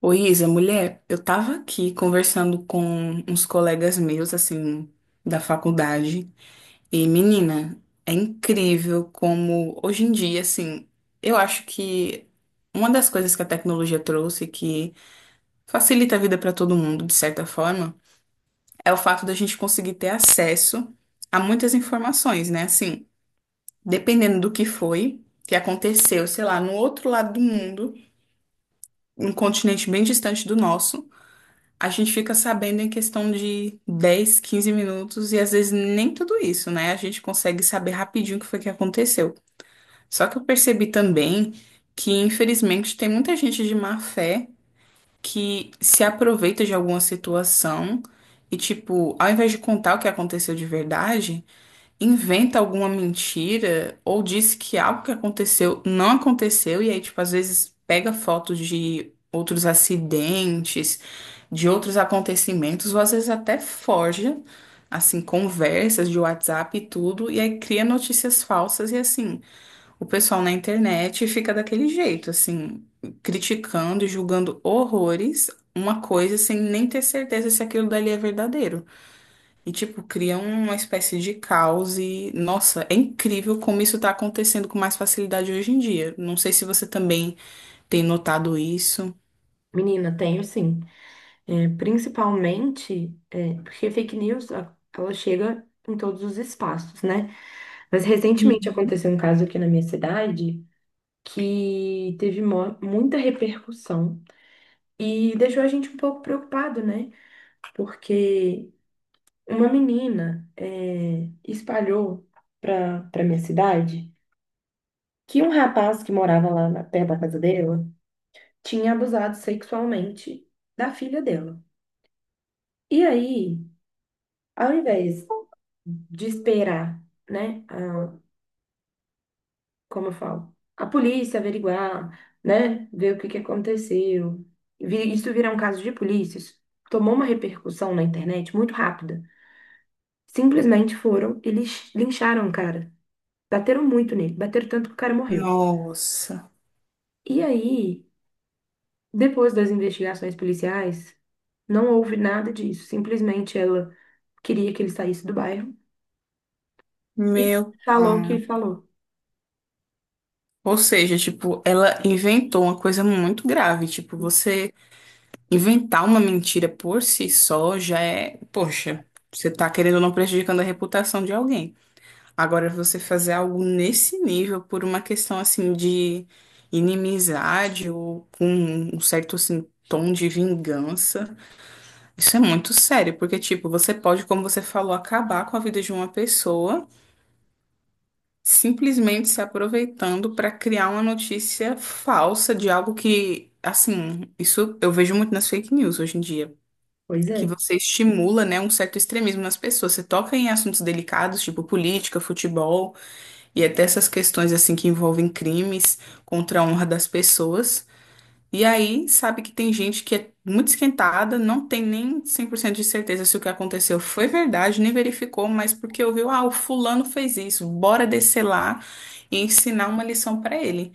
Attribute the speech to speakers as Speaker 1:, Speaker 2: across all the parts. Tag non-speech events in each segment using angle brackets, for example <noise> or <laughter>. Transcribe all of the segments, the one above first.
Speaker 1: Ô Isa, mulher, eu tava aqui conversando com uns colegas meus, assim, da faculdade, e menina, é incrível como hoje em dia, assim, eu acho que uma das coisas que a tecnologia trouxe que facilita a vida pra todo mundo, de certa forma, é o fato da gente conseguir ter acesso a muitas informações, né? Assim, dependendo do que foi, que aconteceu, sei lá, no outro lado do mundo, um continente bem distante do nosso. A gente fica sabendo em questão de 10, 15 minutos e às vezes nem tudo isso, né? A gente consegue saber rapidinho o que foi que aconteceu. Só que eu percebi também que, infelizmente, tem muita gente de má fé que se aproveita de alguma situação e, tipo, ao invés de contar o que aconteceu de verdade, inventa alguma mentira ou diz que algo que aconteceu não aconteceu e aí, tipo, às vezes pega fotos de outros acidentes, de outros acontecimentos, ou às vezes até forja, assim, conversas de WhatsApp e tudo, e aí cria notícias falsas e assim, o pessoal na internet fica daquele jeito, assim, criticando e julgando horrores uma coisa sem nem ter certeza se aquilo dali é verdadeiro. E, tipo, cria uma espécie de caos e, nossa, é incrível como isso tá acontecendo com mais facilidade hoje em dia. Não sei se você também tem notado isso.
Speaker 2: Menina, tenho sim. Principalmente porque fake news, ela chega em todos os espaços, né? Mas recentemente
Speaker 1: Hum.
Speaker 2: aconteceu um caso aqui na minha cidade que teve muita repercussão e deixou a gente um pouco preocupado, né? Porque uma menina espalhou para minha cidade que um rapaz que morava lá na, perto da casa dela tinha abusado sexualmente da filha dela. E aí, ao invés de esperar, né, a- como eu falo, a polícia averiguar, né, ver o que que aconteceu. Isso virar um caso de polícia, isso tomou uma repercussão na internet muito rápida. Simplesmente foram e lincharam o cara. Bateram muito nele, bateram tanto que o cara morreu.
Speaker 1: Nossa,
Speaker 2: E aí, depois das investigações policiais, não houve nada disso. Simplesmente ela queria que ele saísse do bairro e
Speaker 1: meu
Speaker 2: falou o
Speaker 1: pai.
Speaker 2: que falou.
Speaker 1: Ou seja, tipo, ela inventou uma coisa muito grave. Tipo, você inventar uma mentira por si só já é, poxa, você tá querendo ou não prejudicando a reputação de alguém. Agora, você fazer algo nesse nível por uma questão assim de inimizade ou com um certo assim, tom de vingança, isso é muito sério, porque tipo, você pode, como você falou, acabar com a vida de uma pessoa simplesmente se aproveitando para criar uma notícia falsa de algo que, assim, isso eu vejo muito nas fake news hoje em dia.
Speaker 2: Pois
Speaker 1: Que
Speaker 2: é.
Speaker 1: você estimula, né, um certo extremismo nas pessoas. Você toca em assuntos delicados, tipo política, futebol. E até essas questões assim que envolvem crimes contra a honra das pessoas. E aí, sabe que tem gente que é muito esquentada, não tem nem 100% de certeza se o que aconteceu foi verdade, nem verificou, mas porque ouviu, ah, o fulano fez isso, bora descer lá e ensinar uma lição pra ele.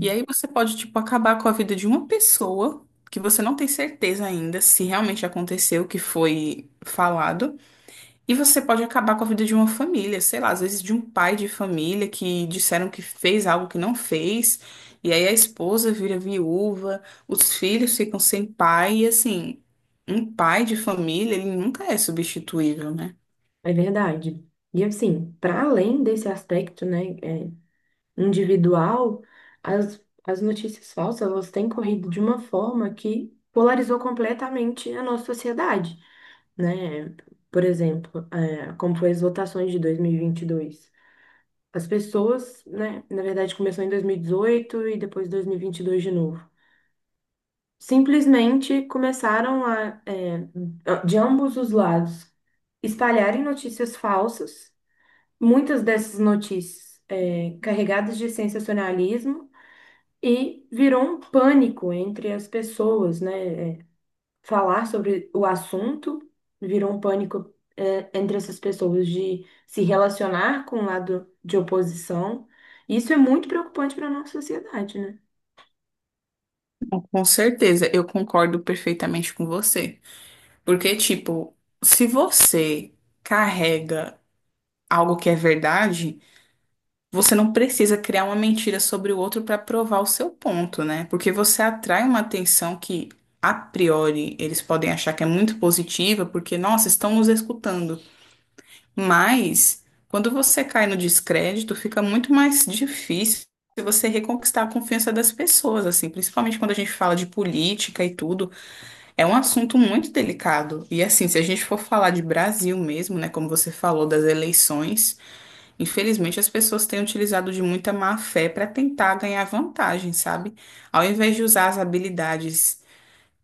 Speaker 1: E aí você pode, tipo, acabar com a vida de uma pessoa que você não tem certeza ainda se realmente aconteceu o que foi falado. E você pode acabar com a vida de uma família, sei lá, às vezes de um pai de família que disseram que fez algo que não fez, e aí a esposa vira viúva, os filhos ficam sem pai, e assim, um pai de família, ele nunca é substituível, né?
Speaker 2: É verdade. E assim, para além desse aspecto, individual, as notícias falsas, elas têm corrido de uma forma que polarizou completamente a nossa sociedade, né? Por exemplo, como foi as votações de dois mil e vinte e dois. As pessoas, né, na verdade começou em 2018 e depois dois mil e vinte e dois de novo. Simplesmente começaram de ambos os lados, espalharem notícias falsas, muitas dessas notícias carregadas de sensacionalismo e virou um pânico entre as pessoas, né? Falar sobre o assunto virou um pânico entre essas pessoas de se relacionar com o lado de oposição. Isso é muito preocupante para a nossa sociedade, né?
Speaker 1: Bom, com certeza, eu concordo perfeitamente com você. Porque, tipo, se você carrega algo que é verdade. Você não precisa criar uma mentira sobre o outro para provar o seu ponto, né? Porque você atrai uma atenção que, a priori, eles podem achar que é muito positiva, porque, nossa, estão nos escutando. Mas, quando você cai no descrédito, fica muito mais difícil você reconquistar a confiança das pessoas, assim, principalmente quando a gente fala de política e tudo. É um assunto muito delicado. E, assim, se a gente for falar de Brasil mesmo, né, como você falou, das eleições. Infelizmente, as pessoas têm utilizado de muita má fé para tentar ganhar vantagem, sabe? Ao invés de usar as habilidades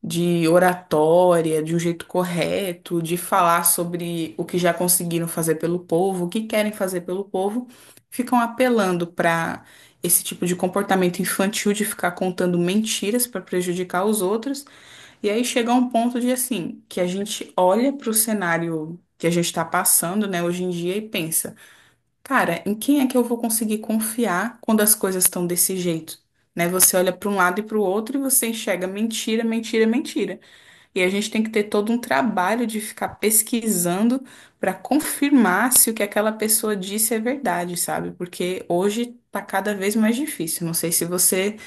Speaker 1: de oratória de um jeito correto, de falar sobre o que já conseguiram fazer pelo povo, o que querem fazer pelo povo, ficam apelando para esse tipo de comportamento infantil de ficar contando mentiras para prejudicar os outros. E aí chega a um ponto de assim, que a gente olha para o cenário que a gente está passando, né, hoje em dia e pensa. Cara, em quem é que eu vou conseguir confiar quando as coisas estão desse jeito? Né? Você olha para um lado e para o outro e você enxerga mentira, mentira, mentira. E a gente tem que ter todo um trabalho de ficar pesquisando para confirmar se o que aquela pessoa disse é verdade, sabe? Porque hoje tá cada vez mais difícil. Não sei se você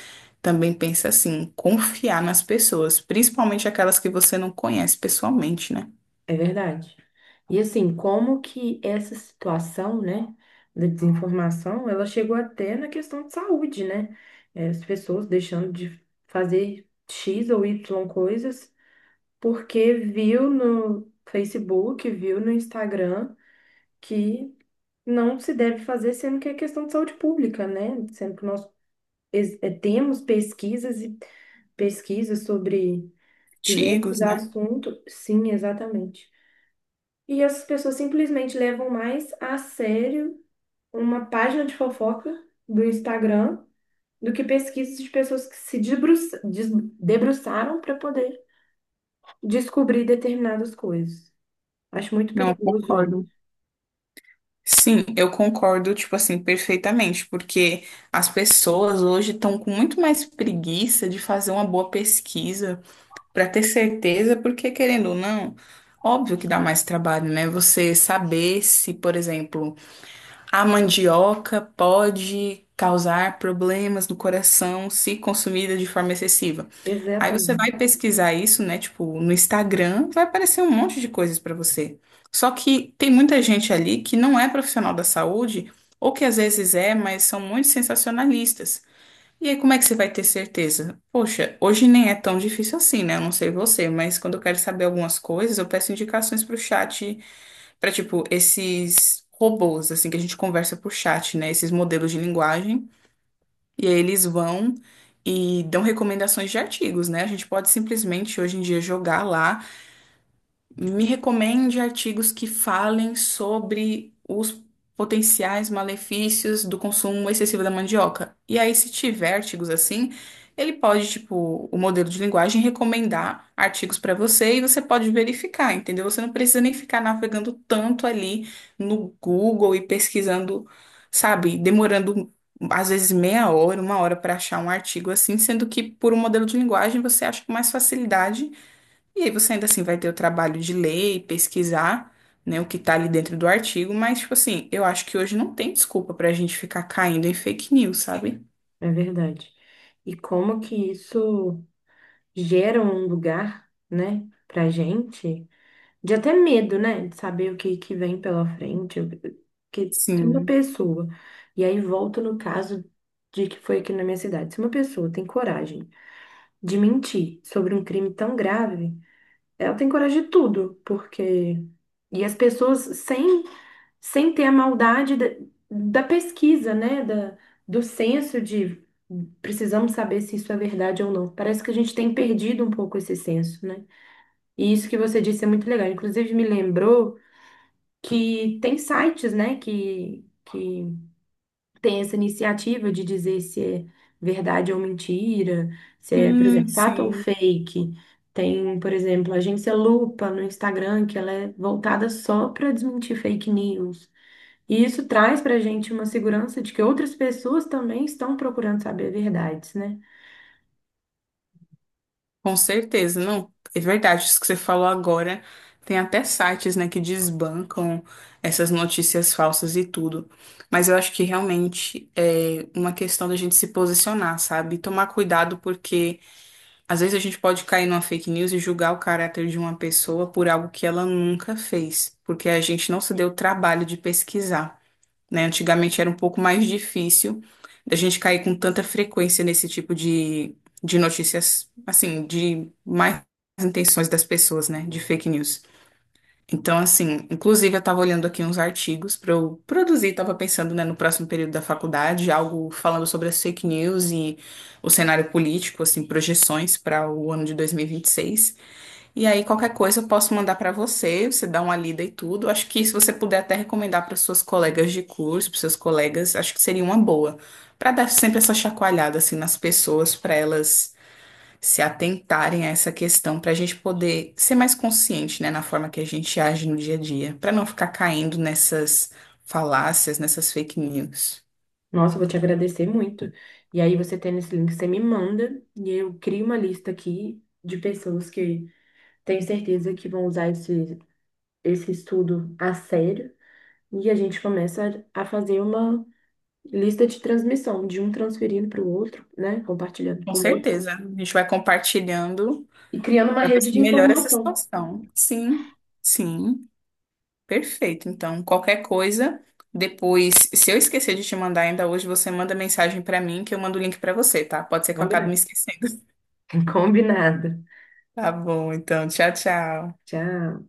Speaker 1: também pensa assim, confiar nas pessoas, principalmente aquelas que você não conhece pessoalmente, né?
Speaker 2: É verdade. E assim, como que essa situação, né, da desinformação, ela chegou até na questão de saúde, né? As pessoas deixando de fazer X ou Y coisas porque viu no Facebook, viu no Instagram que não se deve fazer, sendo que é questão de saúde pública, né? Sendo que nós temos pesquisas e pesquisas sobre diversos
Speaker 1: Antigos, né?
Speaker 2: assuntos. Sim, exatamente. E as pessoas simplesmente levam mais a sério uma página de fofoca do Instagram do que pesquisas de pessoas que se debruça- des- debruçaram para poder descobrir determinadas coisas. Acho muito
Speaker 1: Não, eu
Speaker 2: perigoso
Speaker 1: concordo.
Speaker 2: isso.
Speaker 1: Sim, eu concordo, tipo assim, perfeitamente, porque as pessoas hoje estão com muito mais preguiça de fazer uma boa pesquisa para ter certeza, porque querendo ou não, óbvio que dá mais trabalho, né? Você saber se, por exemplo, a mandioca pode causar problemas no coração se consumida de forma excessiva. Aí você vai
Speaker 2: Exatamente,
Speaker 1: pesquisar isso, né? Tipo, no Instagram, vai aparecer um monte de coisas pra você. Só que tem muita gente ali que não é profissional da saúde, ou que às vezes é, mas são muito sensacionalistas. E aí, como é que você vai ter certeza? Poxa, hoje nem é tão difícil assim, né? Eu não sei você, mas quando eu quero saber algumas coisas, eu peço indicações pro chat, pra tipo, esses robôs, assim, que a gente conversa por chat, né? Esses modelos de linguagem. E aí eles vão e dão recomendações de artigos, né? A gente pode simplesmente hoje em dia jogar lá. Me recomende artigos que falem sobre os potenciais malefícios do consumo excessivo da mandioca. E aí, se tiver artigos assim, ele pode, tipo, o modelo de linguagem recomendar artigos para você e você pode verificar, entendeu? Você não precisa nem ficar navegando tanto ali no Google e pesquisando, sabe, demorando às vezes meia hora, uma hora para achar um artigo assim, sendo que por um modelo de linguagem você acha com mais facilidade. E aí você ainda assim vai ter o trabalho de ler e pesquisar, né, o que tá ali dentro do artigo, mas, tipo assim, eu acho que hoje não tem desculpa pra gente ficar caindo em fake news, sabe?
Speaker 2: é verdade. E como que isso gera um lugar, né, para gente? De até medo, né? De saber o que, que vem pela frente, o que se uma
Speaker 1: Sim.
Speaker 2: pessoa. E aí volta no caso de que foi aqui na minha cidade. Se uma pessoa tem coragem de mentir sobre um crime tão grave, ela tem coragem de tudo, porque. E as pessoas sem ter a maldade da pesquisa, né? Do senso de precisamos saber se isso é verdade ou não. Parece que a gente tem perdido um pouco esse senso, né? E isso que você disse é muito legal. Inclusive, me lembrou que tem sites, né, que tem essa iniciativa de dizer se é verdade ou mentira, se é, por
Speaker 1: Sim,
Speaker 2: exemplo, fato ou
Speaker 1: sim.
Speaker 2: fake. Tem, por exemplo, a agência Lupa no Instagram, que ela é voltada só para desmentir fake news. E isso traz para a gente uma segurança de que outras pessoas também estão procurando saber verdades, né?
Speaker 1: Com certeza, não. É verdade, isso que você falou agora. Tem até sites, né, que desbancam essas notícias falsas e tudo. Mas eu acho que realmente é uma questão da gente se posicionar, sabe? Tomar cuidado porque às vezes a gente pode cair numa fake news e julgar o caráter de uma pessoa por algo que ela nunca fez, porque a gente não se deu o trabalho de pesquisar, né? Antigamente era um pouco mais difícil da gente cair com tanta frequência nesse tipo de notícias, assim, de mais intenções das pessoas, né? De fake news. Então, assim, inclusive eu estava olhando aqui uns artigos para eu produzir, estava pensando, né, no próximo período da faculdade, algo falando sobre as fake news e o cenário político, assim, projeções para o ano de 2026. E vinte e seis. E aí, qualquer coisa eu posso mandar para você, você dá uma lida e tudo. Acho que se você puder até recomendar para suas colegas de curso, para seus colegas, acho que seria uma boa, para dar sempre essa chacoalhada, assim, nas pessoas, para elas se atentarem a essa questão para a gente poder ser mais consciente, né, na forma que a gente age no dia a dia, para não ficar caindo nessas falácias, nessas fake news.
Speaker 2: Nossa, eu vou te agradecer muito. E aí, você tendo esse link, você me manda e eu crio uma lista aqui de pessoas que, tenho certeza, que vão usar esse estudo a sério, e a gente começa a fazer uma lista de transmissão, de um transferindo para o outro, né? Compartilhando
Speaker 1: Com
Speaker 2: com o outro
Speaker 1: certeza, a gente vai compartilhando
Speaker 2: e criando uma
Speaker 1: para ver
Speaker 2: rede de
Speaker 1: se melhora essa
Speaker 2: informação.
Speaker 1: situação. Sim, sim, perfeito. Então, qualquer coisa, depois, se eu esquecer de te mandar ainda hoje, você manda mensagem para mim que eu mando o link para você, tá? Pode ser que eu acabe me
Speaker 2: Combinado.
Speaker 1: esquecendo. <laughs>
Speaker 2: <laughs> Combinado.
Speaker 1: Tá bom, então, tchau, tchau.
Speaker 2: Tchau.